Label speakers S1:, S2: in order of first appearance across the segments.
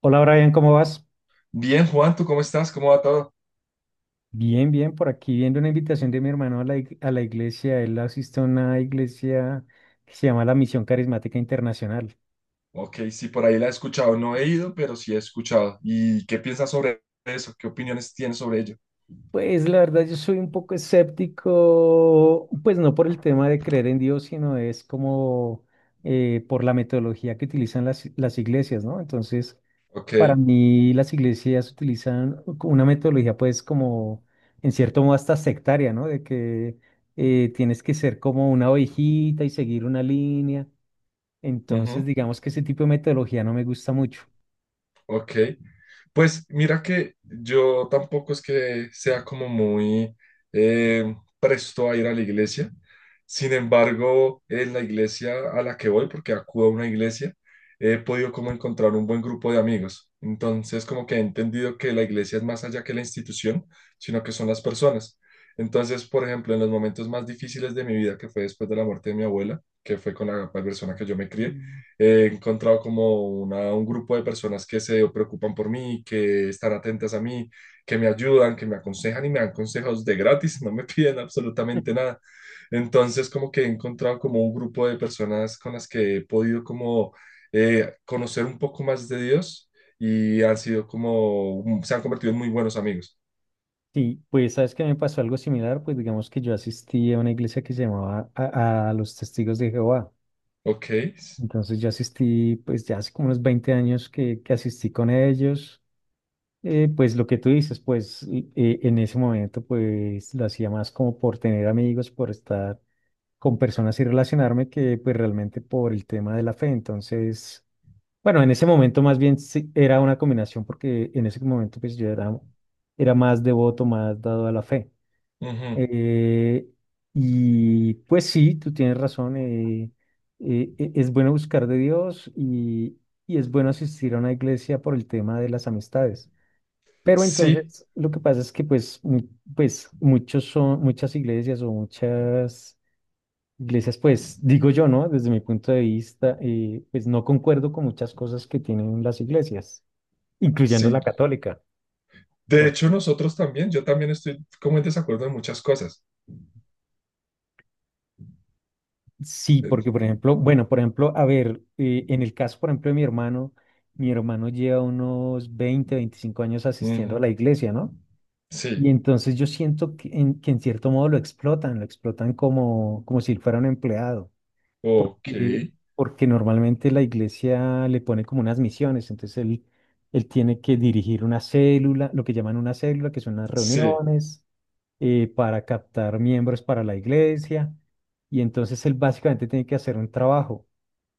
S1: Hola Brian, ¿cómo vas?
S2: Bien, Juan, ¿tú cómo estás? ¿Cómo va todo?
S1: Bien, bien, por aquí viendo una invitación de mi hermano a la iglesia. Él asiste a una iglesia que se llama la Misión Carismática Internacional.
S2: Ok, sí, por ahí la he escuchado. No he ido, pero sí he escuchado. ¿Y qué piensas sobre eso? ¿Qué opiniones tienes sobre ello?
S1: Pues la verdad yo soy un poco escéptico, pues no por el tema de creer en Dios, sino es como por la metodología que utilizan las iglesias, ¿no? Entonces,
S2: Ok.
S1: para mí las iglesias utilizan una metodología pues como en cierto modo hasta sectaria, ¿no? De que tienes que ser como una ovejita y seguir una línea. Entonces
S2: Ujú.
S1: digamos que ese tipo de metodología no me gusta mucho.
S2: Ok, pues mira que yo tampoco es que sea como muy presto a ir a la iglesia. Sin embargo, en la iglesia a la que voy, porque acudo a una iglesia, he podido como encontrar un buen grupo de amigos. Entonces, como que he entendido que la iglesia es más allá que la institución, sino que son las personas. Entonces, por ejemplo, en los momentos más difíciles de mi vida, que fue después de la muerte de mi abuela, que fue con la persona que yo me crié,
S1: Mm.
S2: he encontrado como una, un grupo de personas que se preocupan por mí, que están atentas a mí, que me ayudan, que me aconsejan y me dan consejos de gratis, no me piden absolutamente nada. Entonces, como que he encontrado como un grupo de personas con las que he podido como conocer un poco más de Dios y han sido como, se han convertido en muy buenos amigos.
S1: Sí, pues sabes que me pasó algo similar, pues digamos que yo asistí a una iglesia que se llamaba a los Testigos de Jehová.
S2: Ok.
S1: Entonces yo asistí pues ya hace como unos 20 años que asistí con ellos. Pues lo que tú dices, pues en ese momento pues lo hacía más como por tener amigos, por estar con personas y relacionarme que pues realmente por el tema de la fe. Entonces, bueno, en ese momento más bien sí era una combinación porque en ese momento pues yo era más devoto, más dado a la fe.
S2: Ujú.
S1: Eh, y pues sí, tú tienes razón, es bueno buscar de Dios y es bueno asistir a una iglesia por el tema de las amistades. Pero
S2: Sí,
S1: entonces lo que pasa es que pues, pues muchos son, muchas iglesias o muchas iglesias, pues digo yo, ¿no? Desde mi punto de vista, pues no concuerdo con muchas cosas que tienen las iglesias, incluyendo
S2: sí.
S1: la católica.
S2: De
S1: Por-
S2: hecho, nosotros también, yo también estoy como en desacuerdo en muchas cosas.
S1: sí,
S2: Eh,
S1: porque por ejemplo, bueno, por ejemplo, a ver, en el caso, por ejemplo, de mi hermano lleva unos 20 25 años asistiendo a
S2: ujú.
S1: la iglesia, ¿no?
S2: Sí.
S1: Y entonces yo siento que que en cierto modo lo explotan como si él fuera un empleado.
S2: Ok,
S1: eh, Porque normalmente la iglesia le pone como unas misiones, entonces él tiene que dirigir una célula, lo que llaman una célula, que son las
S2: sí,
S1: reuniones para captar miembros para la iglesia, y entonces él básicamente tiene que hacer un trabajo,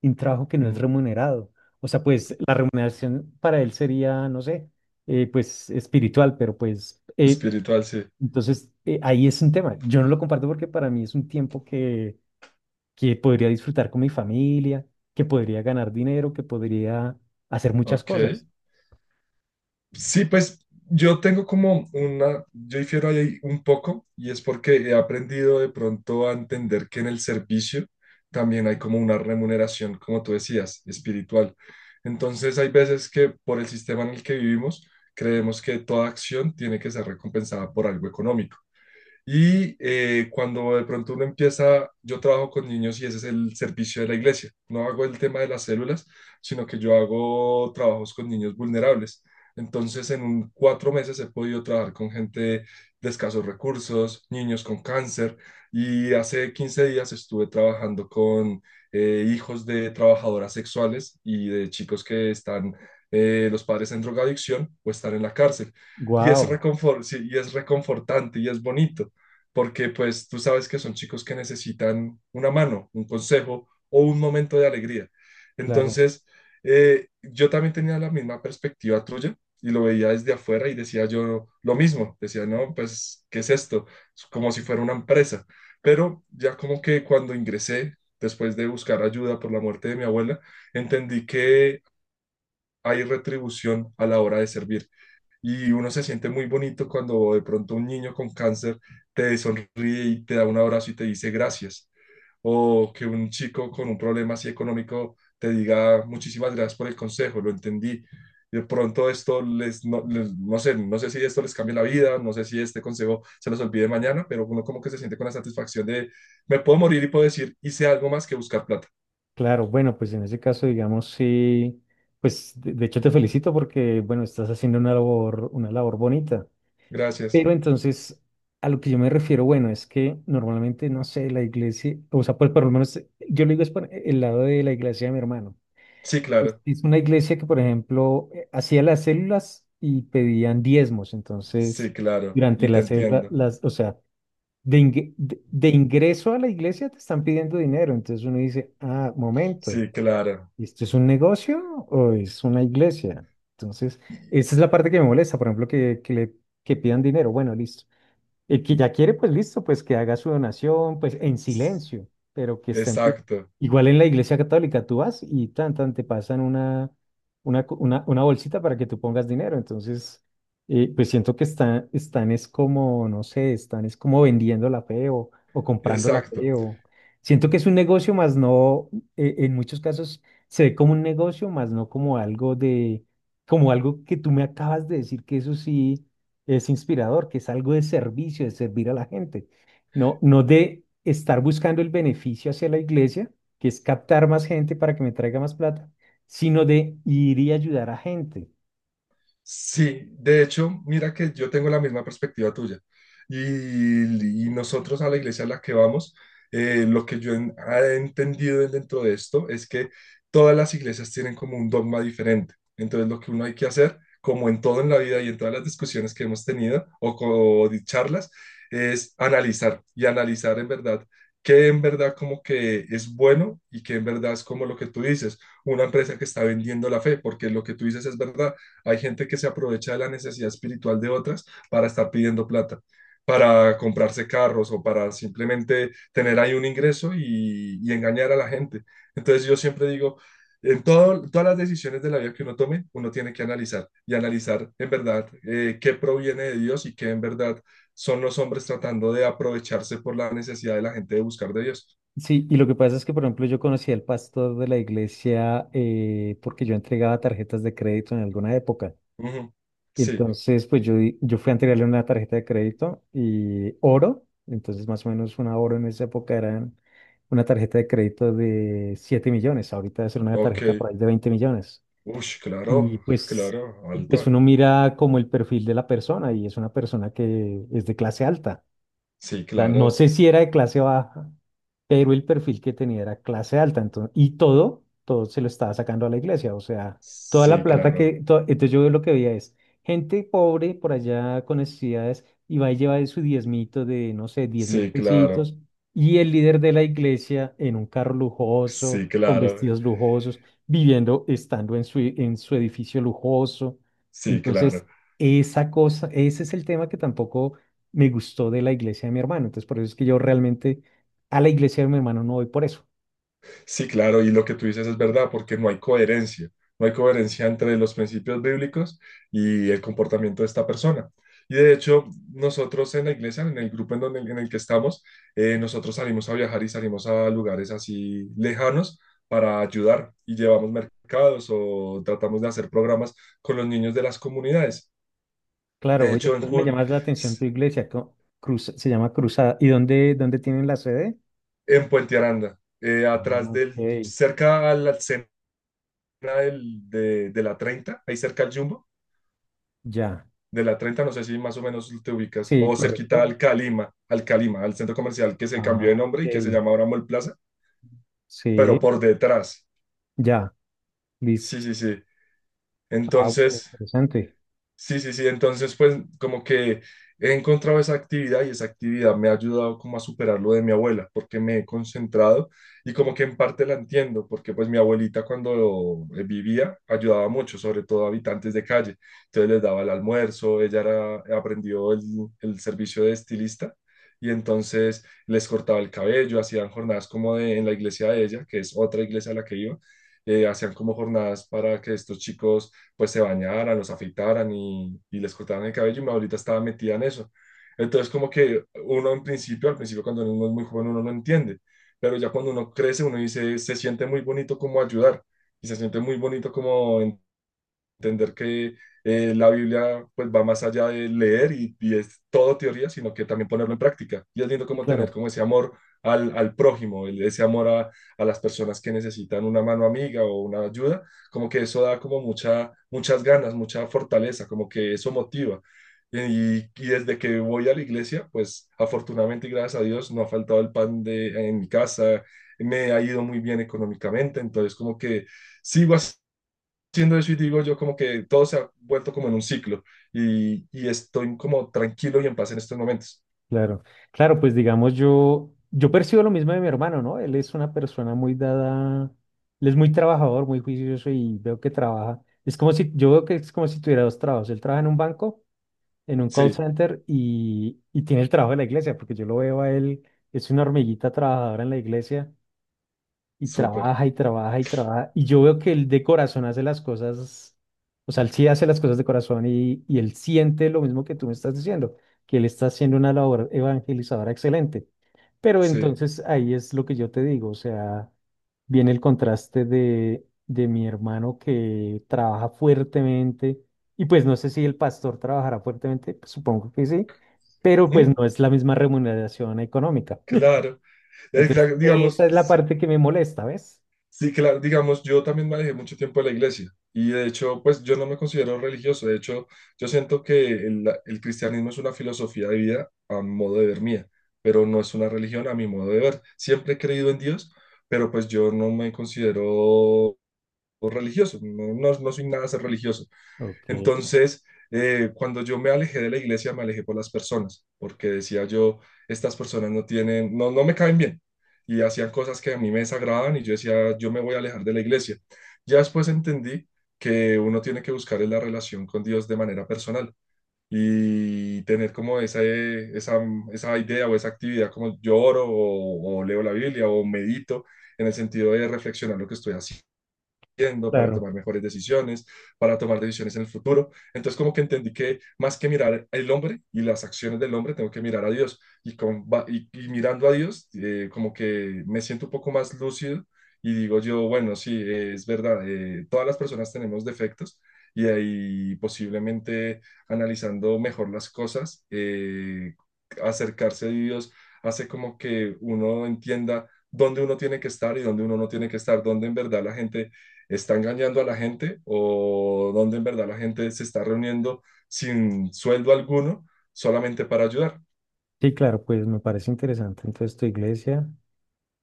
S1: y un trabajo que no es
S2: mm,
S1: remunerado. O sea, pues la remuneración para él sería, no sé, pues espiritual, pero pues
S2: espiritual, sí,
S1: entonces ahí es un tema. Yo no lo comparto porque para mí es un tiempo que podría disfrutar con mi familia, que podría ganar dinero, que podría hacer muchas
S2: ok.
S1: cosas.
S2: Sí, pues yo tengo como una, yo difiero ahí un poco y es porque he aprendido de pronto a entender que en el servicio también hay como una remuneración, como tú decías, espiritual. Entonces hay veces que por el sistema en el que vivimos creemos que toda acción tiene que ser recompensada por algo económico. Y cuando de pronto uno empieza, yo trabajo con niños y ese es el servicio de la iglesia. No hago el tema de las células, sino que yo hago trabajos con niños vulnerables. Entonces, 4 meses he podido trabajar con gente de escasos recursos, niños con cáncer, y hace 15 días estuve trabajando con hijos de trabajadoras sexuales y de chicos que están, los padres en drogadicción o están en la cárcel. Y es
S1: Wow,
S2: sí, y es reconfortante y es bonito porque pues tú sabes que son chicos que necesitan una mano, un consejo o un momento de alegría.
S1: claro,
S2: Entonces, yo también tenía la misma perspectiva tuya y lo veía desde afuera y decía yo lo mismo, decía, no, pues, ¿qué es esto? Es como si fuera una empresa. Pero ya como que cuando ingresé, después de buscar ayuda por la muerte de mi abuela, entendí que hay retribución a la hora de servir y uno se siente muy bonito cuando de pronto un niño con cáncer te sonríe y te da un abrazo y te dice gracias. O que un chico con un problema así económico te diga muchísimas gracias por el consejo, lo entendí. De pronto esto les, no, no sé, no sé si esto les cambia la vida, no sé si este consejo se los olvide mañana, pero uno como que se siente con la satisfacción de, me puedo morir y puedo decir, hice algo más que buscar plata.
S1: claro. Bueno, pues en ese caso, digamos, sí, pues de hecho te felicito porque, bueno, estás haciendo una labor bonita.
S2: Gracias.
S1: Pero entonces, a lo que yo me refiero, bueno, es que normalmente, no sé, la iglesia, o sea, pues por lo menos yo le digo es por el lado de la iglesia de mi hermano.
S2: Sí,
S1: Es
S2: claro.
S1: es una iglesia que, por ejemplo, hacía las células y pedían diezmos.
S2: Sí,
S1: Entonces,
S2: claro.
S1: durante
S2: Y te
S1: la célula,
S2: entiendo.
S1: o sea, de ingreso a la iglesia te están pidiendo dinero. Entonces uno dice, ah, momento,
S2: Sí, claro.
S1: ¿esto es un negocio o es una iglesia? Entonces,
S2: Y-
S1: esa es la parte que me molesta, por ejemplo, que pidan dinero. Bueno, listo. El que ya quiere, pues listo, pues que haga su donación, pues en silencio, pero que estén.
S2: exacto,
S1: Igual en la iglesia católica tú vas y tan te pasan una bolsita para que tú pongas dinero. Entonces, pues siento que están es como, no sé, están es como vendiendo la fe o comprando la
S2: exacto.
S1: fe o. Siento que es un negocio, más no, en muchos casos se ve como un negocio, más no como algo de, como algo que tú me acabas de decir que eso sí es inspirador, que es algo de servicio, de servir a la gente, no, no de estar buscando el beneficio hacia la iglesia, que es captar más gente para que me traiga más plata, sino de ir y ayudar a gente.
S2: Sí, de hecho, mira que yo tengo la misma perspectiva tuya. Y nosotros a la iglesia a la que vamos, lo que yo ah, he entendido dentro de esto es que todas las iglesias tienen como un dogma diferente. Entonces, lo que uno hay que hacer, como en todo en la vida y en todas las discusiones que hemos tenido o, o de charlas, es analizar y analizar en verdad qué en verdad como que es bueno y qué en verdad es como lo que tú dices, una empresa que está vendiendo la fe, porque lo que tú dices es verdad, hay gente que se aprovecha de la necesidad espiritual de otras para estar pidiendo plata, para comprarse carros o para simplemente tener ahí un ingreso y engañar a la gente. Entonces yo siempre digo, en todo, todas las decisiones de la vida que uno tome, uno tiene que analizar y analizar en verdad qué proviene de Dios y qué en verdad son los hombres tratando de aprovecharse por la necesidad de la gente de buscar de Dios.
S1: Sí, y lo que pasa es que, por ejemplo, yo conocí al pastor de la iglesia porque yo entregaba tarjetas de crédito en alguna época.
S2: Ujú.
S1: Y
S2: Sí,
S1: entonces, pues yo, yo fui a entregarle una tarjeta de crédito y oro, entonces más o menos una oro en esa época eran una tarjeta de crédito de 7 millones, ahorita debe ser una
S2: ok.
S1: tarjeta por ahí de 20 millones.
S2: Ush, claro,
S1: Y pues,
S2: claro,
S1: y pues
S2: alta.
S1: uno mira como el perfil de la persona y es una persona que es de clase alta.
S2: Sí,
S1: O sea, no
S2: claro.
S1: sé si era de clase baja, pero el perfil que tenía era clase alta. Entonces, y todo se lo estaba sacando a la iglesia. O sea, toda la
S2: Sí,
S1: plata
S2: claro.
S1: que. Entonces yo lo que veía es gente pobre por allá con necesidades y va y lleva de su diezmito de, no sé, diez mil
S2: Sí, claro.
S1: pesitos. Y el líder de la iglesia en un carro lujoso,
S2: Sí,
S1: con
S2: claro.
S1: vestidos lujosos, viviendo, estando en su edificio lujoso.
S2: Sí,
S1: Entonces,
S2: claro.
S1: esa cosa, ese es el tema que tampoco me gustó de la iglesia de mi hermano. Entonces, por eso es que yo realmente a la iglesia de mi hermano no voy por eso.
S2: Sí, claro. Y lo que tú dices es verdad, porque no hay coherencia. No hay coherencia entre los principios bíblicos y el comportamiento de esta persona. Y de hecho, nosotros en la iglesia, en el grupo en, donde, en el que estamos, nosotros salimos a viajar y salimos a lugares así lejanos para ayudar y llevamos mercados o tratamos de hacer programas con los niños de las comunidades.
S1: Claro,
S2: De
S1: oye,
S2: hecho, en
S1: entonces me
S2: julio,
S1: llamas la atención tu iglesia, cruz, se llama Cruzada. ¿Y dónde tienen la sede?
S2: en Puente Aranda,
S1: Ah,
S2: atrás
S1: ok,
S2: del, cerca a la escena del, de la 30, ahí cerca al Jumbo,
S1: ya.
S2: de la 30, no sé si más o menos te ubicas,
S1: Sí,
S2: o cerquita
S1: correcto.
S2: al Calima, al Calima, al centro comercial que se
S1: Ah,
S2: cambió de nombre y que se
S1: ok.
S2: llama ahora Mall Plaza,
S1: Sí,
S2: pero por detrás.
S1: ya,
S2: Sí,
S1: listo.
S2: sí, sí.
S1: Ah, bueno,
S2: Entonces,
S1: interesante.
S2: sí, sí, sí. Entonces, pues como que he encontrado esa actividad y esa actividad me ha ayudado como a superar lo de mi abuela, porque me he concentrado y como que en parte la entiendo, porque pues mi abuelita cuando vivía ayudaba mucho, sobre todo a habitantes de calle. Entonces les daba el almuerzo, ella era, aprendió el servicio de estilista y entonces les cortaba el cabello, hacían jornadas como de, en la iglesia de ella, que es otra iglesia a la que iba, hacían como jornadas para que estos chicos pues se bañaran, los afeitaran y les cortaran el cabello y mi abuelita estaba metida en eso. Entonces como que uno en principio, al principio cuando uno es muy joven uno no entiende, pero ya cuando uno crece uno dice, se siente muy bonito como ayudar y se siente muy bonito como entender que la Biblia pues va más allá de leer y es todo teoría, sino que también ponerlo en práctica. Y es lindo
S1: Sí,
S2: como tener
S1: claro.
S2: como ese amor al, al prójimo, ese amor a las personas que necesitan una mano amiga o una ayuda, como que eso da como mucha, muchas ganas, mucha fortaleza, como que eso motiva. Y desde que voy a la iglesia, pues afortunadamente y gracias a Dios no ha faltado el pan de, en mi casa, me ha ido muy bien económicamente, entonces como que sigo siendo eso y digo yo como que todo se ha vuelto como en un ciclo y estoy como tranquilo y en paz en estos momentos.
S1: Claro, claro, pues digamos yo percibo lo mismo de mi hermano, ¿no? Él es una persona muy dada, él es muy trabajador, muy juicioso y veo que trabaja. Es como si, Yo veo que es como si tuviera dos trabajos. Él trabaja en un banco, en un call
S2: Sí,
S1: center y tiene el trabajo de la iglesia, porque yo lo veo a él, es una hormiguita trabajadora en la iglesia y
S2: súper,
S1: trabaja y trabaja y trabaja. Y yo veo que él de corazón hace las cosas, o sea, él sí hace las cosas de corazón y él siente lo mismo que tú me estás diciendo, que él está haciendo una labor evangelizadora excelente. Pero
S2: sí.
S1: entonces ahí es lo que yo te digo, o sea, viene el contraste de mi hermano que trabaja fuertemente y pues no sé si el pastor trabajará fuertemente, pues, supongo que sí, pero pues
S2: Ujú,
S1: no es la misma remuneración económica.
S2: claro.
S1: Entonces,
S2: Claro,
S1: esa
S2: digamos,
S1: es la parte que me molesta, ¿ves?
S2: sí, claro, digamos, yo también manejé mucho tiempo en la iglesia y de hecho, pues yo no me considero religioso, de hecho, yo siento que el cristianismo es una filosofía de vida a modo de ver mía, pero no es una religión a mi modo de ver. Siempre he creído en Dios, pero pues yo no me considero o religioso, no, no, no soy nada ser religioso.
S1: Ok,
S2: Entonces, cuando yo me alejé de la iglesia, me alejé por las personas, porque decía yo, estas personas no tienen, no, no me caen bien, y hacían cosas que a mí me desagradaban y yo decía, yo me voy a alejar de la iglesia. Ya después entendí que uno tiene que buscar en la relación con Dios de manera personal y tener como esa, esa, esa idea o esa actividad como yo oro o leo la Biblia o medito en el sentido de reflexionar lo que estoy haciendo para
S1: claro.
S2: tomar mejores decisiones, para tomar decisiones en el futuro. Entonces como que entendí que más que mirar el hombre y las acciones del hombre, tengo que mirar a Dios. Y, con, y mirando a Dios, como que me siento un poco más lúcido y digo yo, bueno, sí, es verdad, todas las personas tenemos defectos y ahí posiblemente analizando mejor las cosas, acercarse a Dios hace como que uno entienda dónde uno tiene que estar y dónde uno no tiene que estar, dónde en verdad la gente está engañando a la gente o donde en verdad la gente se está reuniendo sin sueldo alguno solamente para ayudar.
S1: Sí, claro, pues me parece interesante. Entonces, tu iglesia,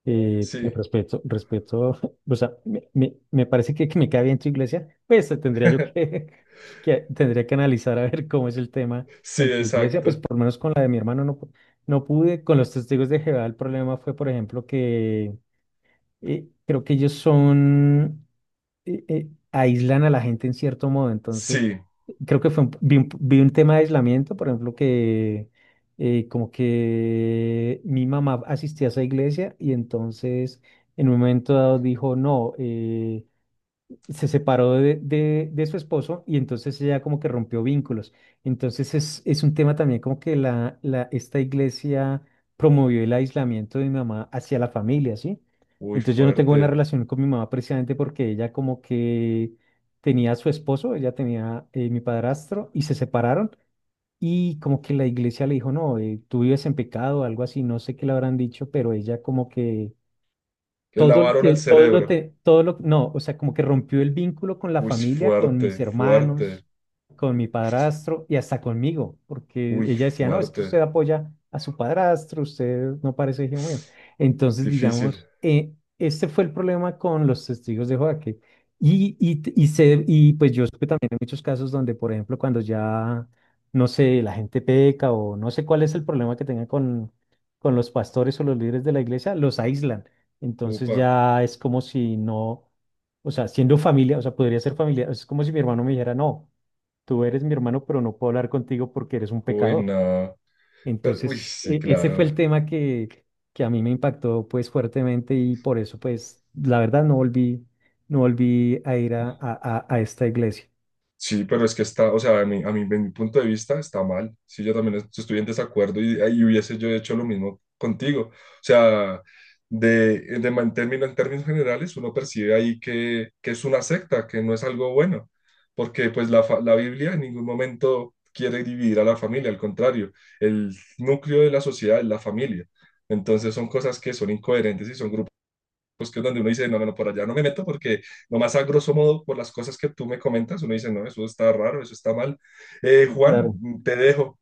S1: pues,
S2: Sí,
S1: respeto, respeto, o sea, me parece que me cae bien tu iglesia, pues tendría que analizar a ver cómo es el tema
S2: sí,
S1: con tu iglesia, pues
S2: exacto.
S1: por lo menos con la de mi hermano no, no pude, con los testigos de Jehová el problema fue, por ejemplo, que creo que ellos son, aíslan a la gente en cierto modo. Entonces,
S2: Sí,
S1: creo que fue vi un tema de aislamiento, por ejemplo, que como que mi mamá asistía a esa iglesia y entonces en un momento dado dijo, no, se separó de su esposo y entonces ella como que rompió vínculos. Entonces es un tema también como que esta iglesia promovió el aislamiento de mi mamá hacia la familia, ¿sí?
S2: uy,
S1: Entonces yo no tengo buena
S2: fuerte.
S1: relación con mi mamá precisamente porque ella como que tenía a su esposo, ella tenía mi padrastro y se separaron y como que la iglesia le dijo, no, tú vives en pecado algo así, no sé qué le habrán dicho, pero ella como
S2: Le lavaron el
S1: que, todo lo
S2: cerebro.
S1: te, todo lo, no, o sea, como que rompió el vínculo con la
S2: Uy,
S1: familia, con mis
S2: fuerte, fuerte.
S1: hermanos, con mi padrastro y hasta conmigo, porque
S2: Uy,
S1: ella decía, no, es que usted
S2: fuerte.
S1: apoya a su padrastro, usted no parece hijo mío. Entonces,
S2: Difícil.
S1: digamos, este fue el problema con los testigos de Jehová, que- y, se, y pues yo supe también en muchos casos donde, por ejemplo, cuando ya, no sé, la gente peca o no sé cuál es el problema que tengan con los pastores o los líderes de la iglesia, los aíslan entonces
S2: Upa.
S1: ya es como si no, o sea, siendo familia, o sea, podría ser familia, es como si mi hermano me dijera, no, tú eres mi hermano, pero no puedo hablar contigo porque eres un
S2: Uy,
S1: pecador.
S2: no. Pero, uy,
S1: Entonces,
S2: sí,
S1: ese fue
S2: claro.
S1: el tema que a mí me impactó pues fuertemente y por eso pues la verdad no volví a ir a esta iglesia.
S2: Sí, pero es que está, o sea, a mí, de mi punto de vista está mal. Sí, yo también estoy en desacuerdo y hubiese yo hecho lo mismo contigo. O sea, de, en términos generales, uno percibe ahí que es una secta, que no es algo bueno, porque pues la, la Biblia en ningún momento quiere dividir a la familia, al contrario, el núcleo de la sociedad es la familia. Entonces son cosas que son incoherentes y son grupos pues que es donde uno dice, no, no, no, por allá no me meto porque nomás a grosso modo por las cosas que tú me comentas, uno dice, no, eso está raro, eso está mal. Juan,
S1: Claro.
S2: te dejo,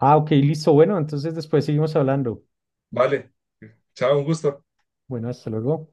S1: Ah, ok, listo. Bueno, entonces después seguimos hablando.
S2: vale, chao, un gusto.
S1: Bueno, hasta luego.